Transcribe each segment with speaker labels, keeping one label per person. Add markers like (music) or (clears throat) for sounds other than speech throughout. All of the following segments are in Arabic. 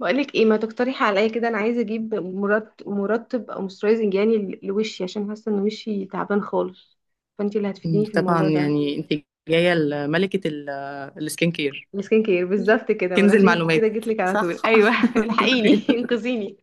Speaker 1: بقولك ايه، ما تقترحي عليا كده. انا عايزه اجيب مرطب او موسترايزنج، يعني لوشي، عشان حاسه ان وشي تعبان خالص. فانتي اللي هتفيديني في
Speaker 2: طبعا
Speaker 1: الموضوع ده.
Speaker 2: يعني انت جايه لملكه السكين كير،
Speaker 1: السكين كير بالظبط كده، ما انا
Speaker 2: كنز
Speaker 1: عشان
Speaker 2: المعلومات.
Speaker 1: كده جيت لك على
Speaker 2: صح.
Speaker 1: طول. ايوه (laughs) الحقيني (laughs)
Speaker 2: (laughs)
Speaker 1: انقذيني.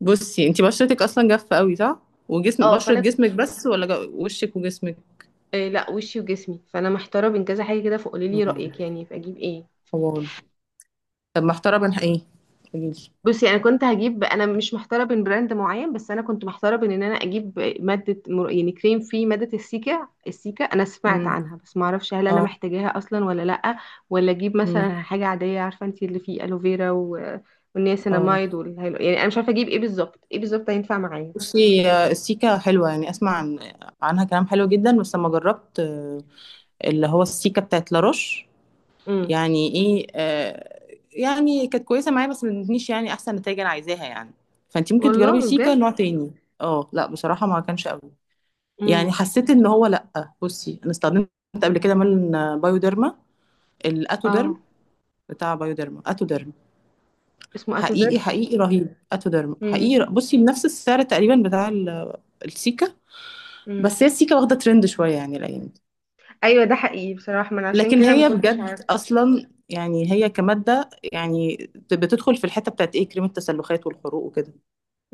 Speaker 2: بصي، انت بشرتك اصلا جافه قوي، صح؟ وجسم
Speaker 1: اه.
Speaker 2: بشره جسمك بس ولا وشك وجسمك؟
Speaker 1: آه، لا، وشي وجسمي، فانا محتاره بين كذا حاجه كده، فقولي لي
Speaker 2: مم.
Speaker 1: رايك يعني، فاجيب ايه؟
Speaker 2: حوار. طب محتاره بين ايه؟ قوليلي.
Speaker 1: بصي انا كنت هجيب انا مش محتاره بين براند معين، بس انا كنت محتاره بين ان انا اجيب ماده يعني كريم فيه ماده السيكا. السيكا انا
Speaker 2: امم.
Speaker 1: سمعت عنها بس ما اعرفش هل انا
Speaker 2: اه.
Speaker 1: محتاجاها اصلا ولا لا. ولا اجيب
Speaker 2: امم.
Speaker 1: مثلا حاجه عاديه، عارفه انت اللي فيه الوفيرا
Speaker 2: اه.
Speaker 1: والنياسيناميد والهيلو، يعني انا مش عارفه اجيب ايه بالظبط، ايه بالظبط هينفع معايا.
Speaker 2: بصي السيكا حلوه، يعني اسمع عنها كلام حلو جدا، بس لما جربت اللي هو السيكا بتاعت لاروش،
Speaker 1: امم.
Speaker 2: يعني ايه، آه، يعني كانت كويسه معايا بس ما ادتنيش يعني احسن نتائج انا عايزاها يعني. فانت ممكن تجربي
Speaker 1: والله
Speaker 2: سيكا
Speaker 1: بجد.
Speaker 2: نوع تاني. اه لا، بصراحه ما كانش قوي، يعني
Speaker 1: امم.
Speaker 2: حسيت ان هو لا. بصي انا استخدمت قبل كده مال بايوديرما، الاتوديرم
Speaker 1: اه.
Speaker 2: بتاع بايوديرما، اتوديرم
Speaker 1: اسمه
Speaker 2: حقيقي
Speaker 1: اتوداك.
Speaker 2: رهيب. اتوديرم
Speaker 1: امم.
Speaker 2: حقيقي بصي بنفس السعر تقريبا بتاع السيكا،
Speaker 1: امم.
Speaker 2: بس هي السيكا واخده ترند شويه يعني الايام دي.
Speaker 1: ايوه ده حقيقي بصراحه، ما انا عشان
Speaker 2: لكن
Speaker 1: كده ما
Speaker 2: هي
Speaker 1: كنتش
Speaker 2: بجد
Speaker 1: عارفه.
Speaker 2: اصلا يعني هي كماده يعني بتدخل في الحته بتاعت ايه، كريم التسلخات والحروق وكده.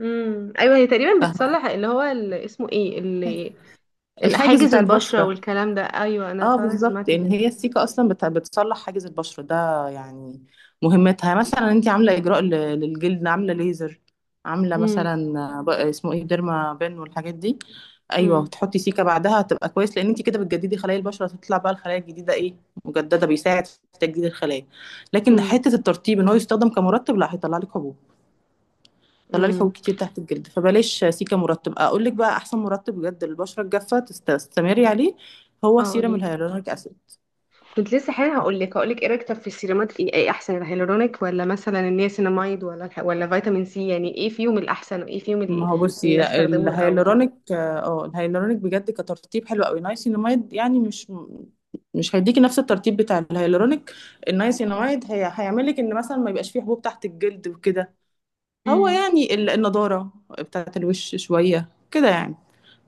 Speaker 1: امم. ايوه هي تقريبا
Speaker 2: فاهمه؟
Speaker 1: بتصلح اللي هو اللي اسمه ايه، اللي
Speaker 2: الحاجز
Speaker 1: حاجز
Speaker 2: بتاع
Speaker 1: البشرة
Speaker 2: البشره،
Speaker 1: والكلام ده، ايوه انا
Speaker 2: اه
Speaker 1: فعلا
Speaker 2: بالظبط،
Speaker 1: سمعت
Speaker 2: يعني
Speaker 1: كده.
Speaker 2: هي السيكه اصلا بتصلح حاجز البشره ده يعني. مهمتها يعني مثلا انت عامله اجراء للجلد، عامله ليزر، عامله
Speaker 1: امم.
Speaker 2: مثلا اسمه ايه، ديرما بن والحاجات دي. ايوه،
Speaker 1: امم.
Speaker 2: وتحطي سيكه بعدها هتبقى كويس، لان انت كده بتجددي خلايا البشره، تطلع بقى الخلايا الجديده ايه، مجدده، بيساعد في تجديد الخلايا. لكن
Speaker 1: امم.
Speaker 2: حته الترطيب ان هو يستخدم كمرطب، لا، هيطلع لك حبوب، يطلع لك
Speaker 1: امم.
Speaker 2: حبوب كتير تحت الجلد، فبلاش سيكه مرطب. اقول لك بقى احسن مرطب بجد للبشره الجافه تستمري عليه، هو
Speaker 1: اه
Speaker 2: سيرم
Speaker 1: قوليلي.
Speaker 2: الهيالورونيك اسيد.
Speaker 1: كنت لسه حالا هقولك ايه رايك طب في السيرامات، ايه احسن، الهيالورونيك ولا مثلا النياسيناميد ولا ولا فيتامين سي، يعني ايه فيهم الاحسن وايه فيهم
Speaker 2: ما هو بصي
Speaker 1: اللي
Speaker 2: لا،
Speaker 1: استخدمه الاول؟
Speaker 2: الهيالورونيك، اه، الهيالورونيك بجد كترطيب حلو قوي. نايسيناميد يعني مش هيديكي نفس الترطيب بتاع الهيالورونيك. النايسيناميد هي هيعمل لك ان مثلا ما يبقاش فيه حبوب تحت الجلد وكده. هو
Speaker 1: امم.
Speaker 2: يعني النضاره بتاعه الوش شويه كده يعني.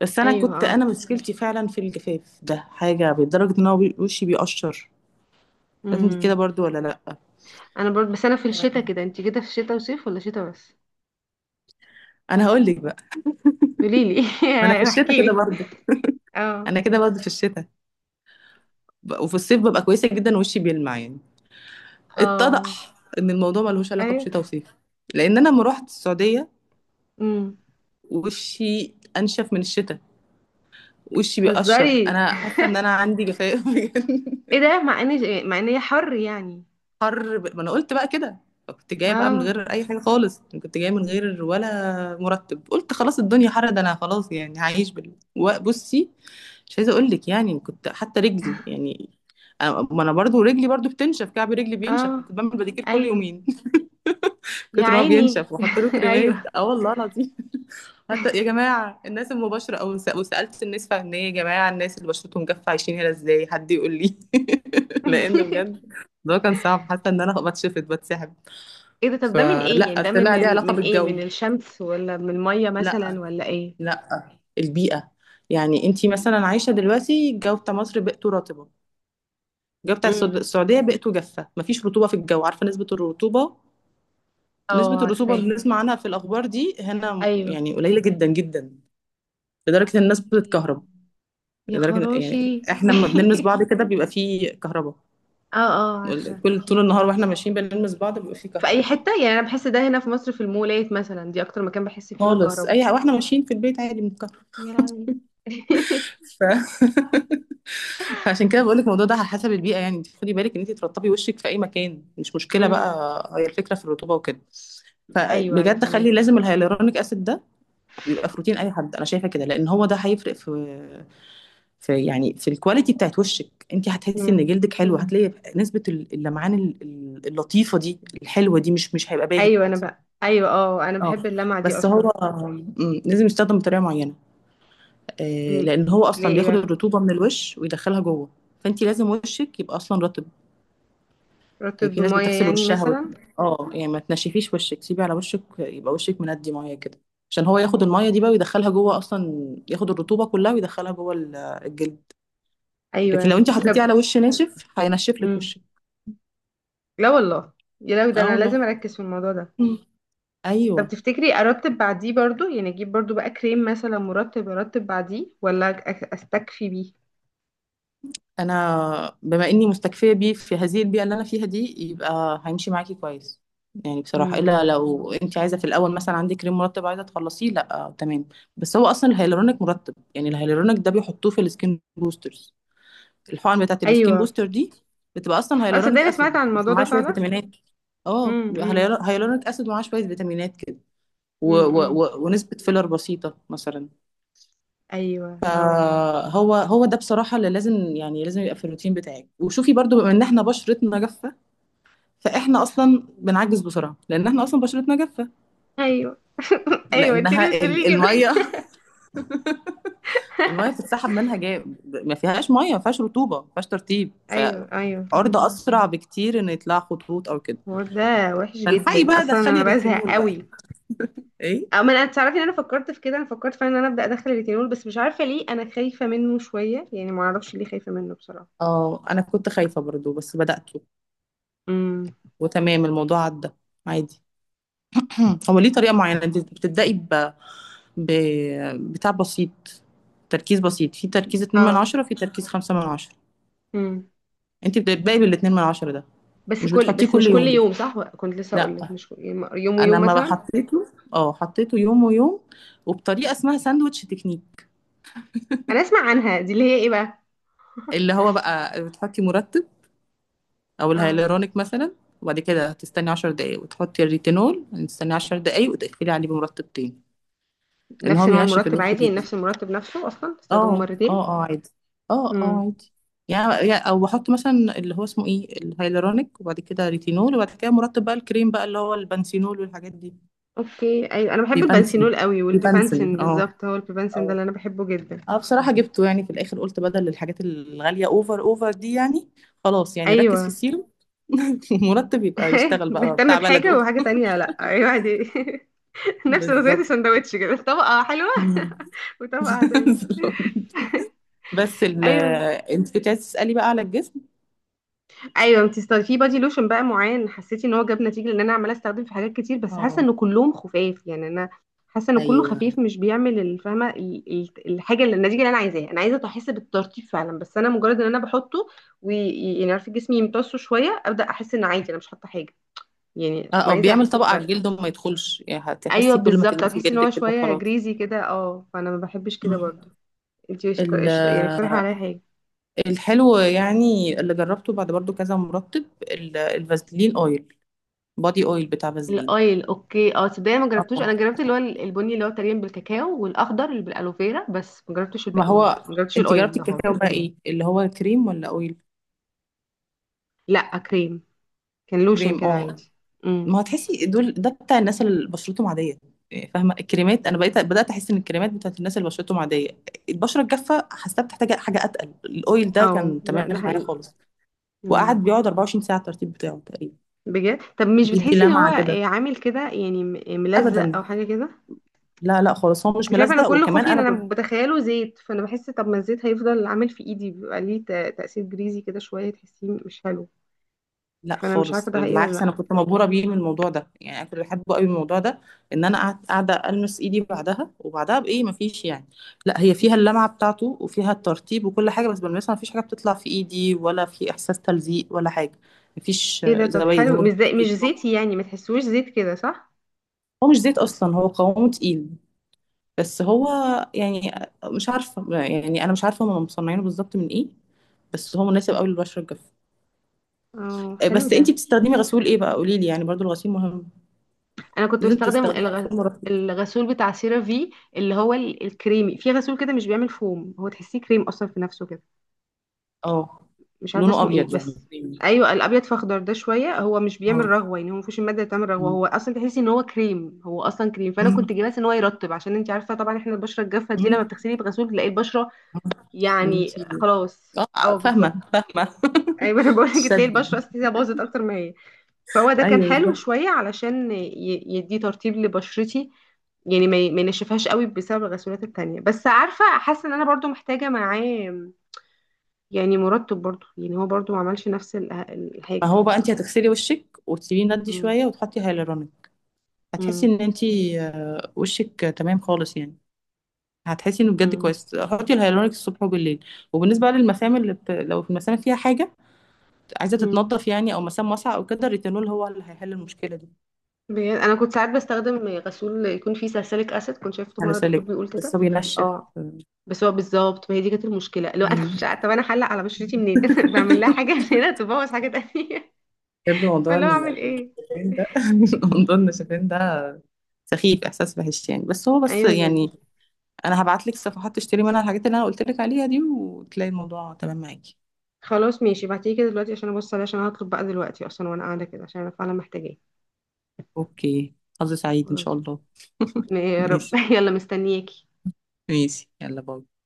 Speaker 2: بس انا
Speaker 1: ايوه
Speaker 2: كنت،
Speaker 1: اه.
Speaker 2: انا مشكلتي فعلا في الجفاف ده حاجه، لدرجه ان هو وشي بيقشر. بس انت
Speaker 1: امم.
Speaker 2: كده برضو ولا لا؟
Speaker 1: انا برضه، بس انا في الشتاء كده. انت كده في الشتاء وصيف ولا شتاء بس؟
Speaker 2: انا هقول لك بقى،
Speaker 1: قوليلي.
Speaker 2: انا في
Speaker 1: (laughs)
Speaker 2: الشتاء كده
Speaker 1: احكيلي.
Speaker 2: برضه.
Speaker 1: اه
Speaker 2: انا كده برضه في الشتاء وفي الصيف ببقى كويسه جدا، وشي بيلمع يعني.
Speaker 1: اه.
Speaker 2: اتضح ان الموضوع ملهوش علاقه
Speaker 1: ايوه.
Speaker 2: بشتاء وصيف، لان انا لما رحت السعوديه
Speaker 1: امم.
Speaker 2: وشي انشف من الشتاء، وشي بيقشر،
Speaker 1: تهزري؟
Speaker 2: انا حاسه ان انا عندي جفاف (laughs)
Speaker 1: ايه
Speaker 2: بجد.
Speaker 1: ده، مع ان مع ان هي حر يعني.
Speaker 2: حر ما انا قلت بقى كده، كنت جايه بقى من
Speaker 1: اه
Speaker 2: غير اي حاجه خالص، كنت جايه من غير ولا مرتب، قلت خلاص الدنيا حر ده انا خلاص يعني هعيش بصي مش عايزه اقول لك، يعني كنت حتى رجلي يعني ما انا برضو رجلي برضو بتنشف، كعب رجلي بينشف، انا
Speaker 1: اه.
Speaker 2: كنت بعمل بديكير كل
Speaker 1: ايوه.
Speaker 2: يومين (laughs)
Speaker 1: يا
Speaker 2: كتر ما هو
Speaker 1: عيني
Speaker 2: بينشف، واحط له
Speaker 1: (laughs)
Speaker 2: كريمات،
Speaker 1: ايوه.
Speaker 2: اه والله العظيم. حتى يا جماعة الناس المباشرة وسألت الناس فعلا، يا جماعة الناس اللي بشرتهم جافة عايشين هنا ازاي، حد يقول لي. (laughs) لأن
Speaker 1: (laughs)
Speaker 2: بجد ده كان صعب، حتى إن أنا بتشفط بتسحب.
Speaker 1: ايه ده، طب ده من ايه يعني،
Speaker 2: فلا،
Speaker 1: ده من
Speaker 2: طلع ليه علاقة
Speaker 1: من ايه، من
Speaker 2: بالجو.
Speaker 1: الشمس ولا من الميه
Speaker 2: لا،
Speaker 1: مثلا ولا ايه؟
Speaker 2: لا، البيئة. يعني أنتي مثلا عايشة دلوقتي الجو بتاع مصر بيئته رطبة، الجو بتاع
Speaker 1: امم.
Speaker 2: السعودية بيئته جافة، مفيش رطوبة في الجو. عارفة نسبة الرطوبة؟ نسبة
Speaker 1: اه
Speaker 2: الرطوبة
Speaker 1: عارفاه.
Speaker 2: اللي بنسمع عنها في الأخبار دي هنا
Speaker 1: ايوه.
Speaker 2: يعني قليلة جدا جدا، لدرجة إن الناس
Speaker 1: أوكي.
Speaker 2: بتتكهرب.
Speaker 1: يا
Speaker 2: يعني
Speaker 1: خراشي (laughs)
Speaker 2: احنا لما بنلمس بعض كده بيبقى فيه كهرباء،
Speaker 1: اه اه عارفه.
Speaker 2: كل طول النهار واحنا ماشيين بنلمس بعض بيبقى فيه
Speaker 1: في اي
Speaker 2: كهرباء
Speaker 1: حته يعني، انا بحس ده هنا في مصر، في المولات مثلا، دي اكتر مكان بحس فيه
Speaker 2: خالص.
Speaker 1: بالكهرباء.
Speaker 2: اي واحنا ماشيين في البيت عادي بنتكهرب.
Speaker 1: يا لهوي. (laughs)
Speaker 2: ف... (laughs) فعشان كده بقول لك الموضوع ده على حسب البيئة، يعني انت خدي بالك ان انت ترطبي وشك في اي مكان، مش مشكلة
Speaker 1: امم.
Speaker 2: بقى، هي الفكرة في الرطوبة وكده.
Speaker 1: ايوه ايوه
Speaker 2: فبجد خلي
Speaker 1: فهماكي.
Speaker 2: لازم الهيالورونيك اسيد ده بيبقى في روتين اي حد، انا شايفة كده، لان هو ده هيفرق في يعني في الكواليتي بتاعت وشك، انت هتحسي ان
Speaker 1: امم.
Speaker 2: جلدك حلو. هتلاقي نسبة اللمعان اللطيفة دي الحلوة دي، مش هيبقى باهت.
Speaker 1: ايوه انا بقى، ايوه اه انا بحب
Speaker 2: اه
Speaker 1: اللمعه دي
Speaker 2: بس
Speaker 1: اصلا.
Speaker 2: هو لازم يستخدم بطريقة معينة،
Speaker 1: ال-
Speaker 2: لان هو
Speaker 1: ليه
Speaker 2: اصلا
Speaker 1: ايه
Speaker 2: بياخد
Speaker 1: بقى؟
Speaker 2: الرطوبة من الوش ويدخلها جوه، فانت لازم وشك يبقى اصلا رطب. يعني
Speaker 1: رطب
Speaker 2: في ناس
Speaker 1: بميه
Speaker 2: بتغسل
Speaker 1: يعني
Speaker 2: وشها
Speaker 1: مثلا؟
Speaker 2: اه يعني ما تنشفيش وشك، سيبي على وشك يبقى وشك مندي ميه كده، عشان هو ياخد
Speaker 1: مم.
Speaker 2: الميه دي بقى ويدخلها جوه، اصلا ياخد الرطوبة كلها ويدخلها جوه الجلد. لكن
Speaker 1: ايوه.
Speaker 2: لو انت حطيتيه
Speaker 1: طب.
Speaker 2: على وش ناشف هينشف لك
Speaker 1: امم.
Speaker 2: وشك.
Speaker 1: لا والله، يا لو ده
Speaker 2: اه
Speaker 1: انا لازم
Speaker 2: والله.
Speaker 1: اركز في الموضوع ده.
Speaker 2: مم.
Speaker 1: طب
Speaker 2: ايوه،
Speaker 1: تفتكري ارتب بعديه برضو، يعني اجيب برضو بقى كريم مثلا مرطب ارتب بعديه ولا استكفي بيه؟
Speaker 2: انا بما اني مستكفيه بيه في هذه البيئه اللي انا فيها دي يبقى هيمشي معاكي كويس. يعني بصراحه
Speaker 1: امم.
Speaker 2: الا لو انت عايزه في الاول مثلا عندك كريم مرطب عايزه تخلصيه، لا آه تمام. بس هو اصلا الهيالورونيك مرطب. يعني الهيالورونيك ده بيحطوه في السكين بوسترز، الحقن بتاعت السكين
Speaker 1: ايوه
Speaker 2: بوستر دي بتبقى اصلا
Speaker 1: اه صدقني،
Speaker 2: هيالورونيك
Speaker 1: أنا سمعت
Speaker 2: اسيد
Speaker 1: عن الموضوع ده
Speaker 2: ومعاه شويه
Speaker 1: فعلا.
Speaker 2: فيتامينات. اه
Speaker 1: امم.
Speaker 2: هيالورونيك اسيد ومعاه شويه فيتامينات كده و...
Speaker 1: امم. امم.
Speaker 2: و... و... ونسبه فيلر بسيطه مثلا.
Speaker 1: ايوه اه.
Speaker 2: فهو هو ده بصراحة اللي لازم يعني لازم يبقى في الروتين بتاعك. وشوفي برضو بما ان احنا بشرتنا جافة، فاحنا اصلا بنعجز بسرعة لان احنا اصلا بشرتنا جافة،
Speaker 1: ايوه (laughs) ايوه انت
Speaker 2: لانها
Speaker 1: ليه بتقولي كده؟
Speaker 2: المية، (laughs) المية بتتسحب منها جاي، ما فيهاش مية، ما فيهاش رطوبة، ما فيهاش ترطيب،
Speaker 1: (laughs) ايوه ايوه.
Speaker 2: فعرضة اسرع بكتير ان يطلع خطوط او كده.
Speaker 1: الحوار ده وحش
Speaker 2: فالحقي
Speaker 1: جدا
Speaker 2: بقى
Speaker 1: اصلا،
Speaker 2: دخلي
Speaker 1: انا بزهق
Speaker 2: ريتينول بقى.
Speaker 1: قوي.
Speaker 2: ايه،
Speaker 1: او ما انا تعرفي ان انا فكرت في كده، انا فكرت فعلا ان انا ابدا ادخل الريتينول، بس مش عارفه ليه انا خايفه منه شويه، يعني ما اعرفش ليه خايفه منه بصراحه.
Speaker 2: اه انا كنت خايفة برضو بس بدأته
Speaker 1: امم.
Speaker 2: وتمام، الموضوع عدى عادي. (clears throat) هو ليه طريقة معينة انت بتبدأي ب... بتاع بسيط، تركيز بسيط، في تركيز 2 من
Speaker 1: اه.
Speaker 2: 10، في تركيز 5 من 10.
Speaker 1: امم.
Speaker 2: انت بتبدأي بال 2 من 10 ده،
Speaker 1: بس
Speaker 2: مش
Speaker 1: كل،
Speaker 2: بتحطيه
Speaker 1: بس
Speaker 2: كل
Speaker 1: مش كل
Speaker 2: يوم
Speaker 1: يوم، صح؟ كنت لسه اقول لك
Speaker 2: لا.
Speaker 1: مش يوم
Speaker 2: انا
Speaker 1: ويوم
Speaker 2: لما
Speaker 1: مثلا.
Speaker 2: حطيته، اه حطيته يوم ويوم، وبطريقه اسمها ساندوتش تكنيك.
Speaker 1: انا اسمع عنها دي، اللي هي ايه بقى؟
Speaker 2: اللي هو بقى بتحطي مرطب او
Speaker 1: اه.
Speaker 2: الهيالورونيك مثلا، وبعد كده تستني 10 دقايق، وتحطي الريتينول، تستني 10 دقايق، وتقفلي عليه بمرطب تاني، لان
Speaker 1: نفس
Speaker 2: هو
Speaker 1: نوع
Speaker 2: بينشف
Speaker 1: المرطب
Speaker 2: الوش.
Speaker 1: عادي؟ نفس المرطب نفسه اصلا استخدمه
Speaker 2: اه
Speaker 1: مرتين؟
Speaker 2: اه اه عادي، اه اه
Speaker 1: امم.
Speaker 2: عادي. يعني او بحط مثلا اللي هو اسمه ايه، الهيالورونيك، وبعد كده ريتينول، وبعد كده مرطب بقى، الكريم بقى اللي هو البنسينول والحاجات دي.
Speaker 1: اوكي ايوه انا بحب
Speaker 2: بيبنسل،
Speaker 1: البنسينول قوي
Speaker 2: بيبنسل
Speaker 1: والبيبانسين،
Speaker 2: اه.
Speaker 1: بالظبط هو البيبانسين ده
Speaker 2: اه
Speaker 1: اللي انا بحبه جدا.
Speaker 2: اه بصراحة جبته يعني في الاخر قلت بدل الحاجات الغالية اوفر اوفر دي يعني، خلاص يعني ركز في
Speaker 1: ايوه
Speaker 2: السيرم (laughs) مرتب يبقى
Speaker 1: (laughs)
Speaker 2: يشتغل بقى
Speaker 1: نهتم
Speaker 2: بتاع
Speaker 1: بحاجة
Speaker 2: بلده.
Speaker 1: وحاجة تانية، لأ أيوة دي. (laughs) نفس نظرية
Speaker 2: بالظبط.
Speaker 1: السندوتش كده، طبقة حلوة
Speaker 2: مم.
Speaker 1: (laughs) وطبقة
Speaker 2: (laughs)
Speaker 1: عادية.
Speaker 2: بالظبط. بس ال...
Speaker 1: أيوة
Speaker 2: انت كنت عايز تسألي بقى على الجسم.
Speaker 1: أيوة. انتي في بادي لوشن بقى معين حسيتي إن هو جاب نتيجة؟ لأن أنا عمالة أستخدم في حاجات كتير بس حاسة
Speaker 2: اه
Speaker 1: إن كلهم خفاف، يعني أنا حاسة إن كله
Speaker 2: ايوه،
Speaker 1: خفيف مش بيعمل الفهمة الحاجة، اللي النتيجة اللي أنا عايزاها. أنا عايزة أحس بالترطيب فعلا، بس أنا مجرد إن أنا بحطه ويعني عارفة جسمي يمتصه شوية أبدأ أحس إن عادي أنا مش حاطة حاجة، يعني فأنا
Speaker 2: او
Speaker 1: عايزة
Speaker 2: بيعمل
Speaker 1: أحس
Speaker 2: طبقة على
Speaker 1: بفرق.
Speaker 2: الجلد وما يدخلش، يعني
Speaker 1: ايوه
Speaker 2: هتحسي كل ما
Speaker 1: بالظبط،
Speaker 2: تلمسي
Speaker 1: هتحسي ان هو
Speaker 2: جلدك كده
Speaker 1: شويه
Speaker 2: خلاص.
Speaker 1: جريزي كده، اه فانا ما بحبش كده برضه.
Speaker 2: مم.
Speaker 1: انتي
Speaker 2: ال-
Speaker 1: يعني اقترحي عليا حاجه.
Speaker 2: الحلو يعني اللي جربته بعد برضو كذا مرطب، الفازلين اويل، بادي اويل بتاع فازلين.
Speaker 1: الاويل، اوكي اه. تصدقي أنا ما
Speaker 2: اه
Speaker 1: جربتوش، انا جربت اللي هو البني اللي هو تقريبا بالكاكاو، والاخضر اللي بالالوفيرا، بس ما جربتش
Speaker 2: ما
Speaker 1: الباقيين،
Speaker 2: هو،
Speaker 1: ما جربتش
Speaker 2: انت
Speaker 1: الاويل
Speaker 2: جربتي
Speaker 1: ده هو.
Speaker 2: الكاكاو بقى ايه، اللي هو كريم ولا اويل؟
Speaker 1: لا كريم. كان لوشن
Speaker 2: كريم،
Speaker 1: كده
Speaker 2: اه.
Speaker 1: عادي. امم.
Speaker 2: ما هتحسي دول ده بتاع الناس اللي بشرتهم عادية، يعني فاهمة الكريمات. انا بقيت بدأت احس ان الكريمات بتاعت الناس اللي بشرتهم عادية، البشرة الجافة حاسة بتحتاج حاجة اتقل. الاويل ده
Speaker 1: اه
Speaker 2: كان
Speaker 1: ده
Speaker 2: تمام
Speaker 1: ده
Speaker 2: معايا
Speaker 1: حقيقي.
Speaker 2: خالص،
Speaker 1: امم.
Speaker 2: وقعد بيقعد 24 ساعه على الترتيب بتاعه تقريبا،
Speaker 1: بجد؟ طب مش
Speaker 2: وبيدي
Speaker 1: بتحسي ان هو
Speaker 2: لمعه كده.
Speaker 1: آه، عامل كده يعني ملزق او
Speaker 2: ابدا،
Speaker 1: حاجه كده؟
Speaker 2: لا لا خالص، هو مش
Speaker 1: مش عارفه، انا
Speaker 2: ملزق،
Speaker 1: كل
Speaker 2: وكمان
Speaker 1: خوفي ان
Speaker 2: انا
Speaker 1: انا بتخيله زيت، فانا بحس طب ما الزيت هيفضل عامل في ايدي بيبقى ليه تاثير جريزي كده شويه تحسيه مش حلو.
Speaker 2: لا
Speaker 1: فانا مش
Speaker 2: خالص
Speaker 1: عارفه ده حقيقي ولا
Speaker 2: بالعكس،
Speaker 1: لا.
Speaker 2: انا كنت مبهوره بيه من الموضوع ده يعني، انا كنت بحبه قوي من الموضوع ده. ان انا قعدت قاعده المس ايدي بعدها وبعدها بايه مفيش يعني، لا هي فيها اللمعه بتاعته وفيها الترتيب وكل حاجه، بس بلمسها مفيش حاجه بتطلع في ايدي، ولا في احساس تلزيق ولا حاجه، مفيش
Speaker 1: ايه ده، طب
Speaker 2: زوايد
Speaker 1: حلو،
Speaker 2: هو.
Speaker 1: مش زي، مش زيتي يعني، ما تحسوش زيت كده صح؟
Speaker 2: هو مش زيت اصلا، هو قوامه تقيل. بس هو يعني مش عارفه، يعني انا مش عارفه هم مصنعينه بالظبط من ايه، بس هو مناسب قوي للبشره الجافه.
Speaker 1: اه حلو
Speaker 2: بس
Speaker 1: ده.
Speaker 2: انتي بتستخدمي غسول ايه بقى قولي لي، يعني برضو الغسيل مهم،
Speaker 1: انا كنت
Speaker 2: لازم
Speaker 1: بستخدم
Speaker 2: تستخدمي غسول مرطب.
Speaker 1: الغسول بتاع سيرافي، اللي هو الكريمي، في غسول كده مش بيعمل فوم، هو تحسيه كريم اصلا في نفسه كده،
Speaker 2: اه
Speaker 1: مش عارفه
Speaker 2: لونه
Speaker 1: اسمه ايه
Speaker 2: ابيض يعني
Speaker 1: بس.
Speaker 2: كريمي.
Speaker 1: ايوه الابيض، فاخضر ده شويه، هو مش بيعمل
Speaker 2: اه
Speaker 1: رغوه يعني، هو مفيش الماده اللي بتعمل رغوه،
Speaker 2: م-
Speaker 1: هو اصلا تحسي ان هو كريم، هو اصلا كريم. فانا
Speaker 2: م-
Speaker 1: كنت جايباه ان هو يرطب، عشان انت عارفه طبعا احنا البشره الجافه دي
Speaker 2: م-
Speaker 1: لما بتغسلي بغسول تلاقي البشره
Speaker 2: م.
Speaker 1: يعني،
Speaker 2: انتي،
Speaker 1: خلاص
Speaker 2: اه
Speaker 1: اه بالظبط.
Speaker 2: فاهمه فاهمه.
Speaker 1: ايوه انا بقول
Speaker 2: (laughs)
Speaker 1: لك تلاقي البشره
Speaker 2: الشد.
Speaker 1: اصلا تحسيها باظت اكتر ما هي. فهو ده كان
Speaker 2: ايوه
Speaker 1: حلو
Speaker 2: بالظبط.
Speaker 1: شويه علشان يدي ترطيب لبشرتي، يعني ما ينشفهاش قوي بسبب الغسولات التانية، بس عارفة حاسة ان انا برضو محتاجة معاه، يعني مرطب برضو، يعني هو برضو ما عملش نفس
Speaker 2: ما
Speaker 1: الحاجة.
Speaker 2: هو بقى انتي هتغسلي وشك وتسيبيه ندي
Speaker 1: مم.
Speaker 2: شويه وتحطي هيالورونيك، هتحسي
Speaker 1: مم.
Speaker 2: ان انتي وشك تمام خالص يعني، هتحسي انه بجد
Speaker 1: مم.
Speaker 2: كويس. حطي الهيالورونيك الصبح وبالليل. وبالنسبه بقى للمسام لو في المسام فيها حاجه عايزه
Speaker 1: مم.
Speaker 2: تتنضف يعني، او مسام واسعه او كده، الريتينول هو اللي هيحل المشكله دي.
Speaker 1: بجد انا كنت ساعات بستخدم غسول يكون فيه ساليسيليك اسيد، كنت شايفته مره
Speaker 2: هلسلك،
Speaker 1: دكتور بيقول
Speaker 2: بس
Speaker 1: كده.
Speaker 2: هو بينشف.
Speaker 1: اه. بس هو بالظبط ما هي دي كانت المشكله، لو انا
Speaker 2: مم.
Speaker 1: مش عارفه طب انا هحلق على بشرتي منين؟ (laughs) بعمل لها حاجه من
Speaker 2: (laughs)
Speaker 1: هنا تبوظ حاجه تانية.
Speaker 2: بجد
Speaker 1: (laughs)
Speaker 2: موضوع
Speaker 1: فاللي هو اعمل ايه؟
Speaker 2: النشفان ده، (laughs) موضوع
Speaker 1: مم.
Speaker 2: النشفان ده سخيف، احساس وحش يعني. بس هو بس
Speaker 1: ايوه جدا.
Speaker 2: يعني انا هبعت لك صفحات تشتري منها الحاجات اللي انا قلت لك عليها دي، وتلاقي الموضوع تمام معاكي.
Speaker 1: خلاص ماشي، ابعتيه كده دلوقتي عشان ابص عليه، عشان أنا هطلب بقى دلوقتي اصلا وانا قاعده كده، عشان انا فعلا محتاجاه.
Speaker 2: اوكي، حظ سعيد ان شاء
Speaker 1: خلاص.
Speaker 2: الله. (laughs)
Speaker 1: يا رب
Speaker 2: ماشي.
Speaker 1: (laughs) يلا مستنياكي.
Speaker 2: ماشي يلا باي.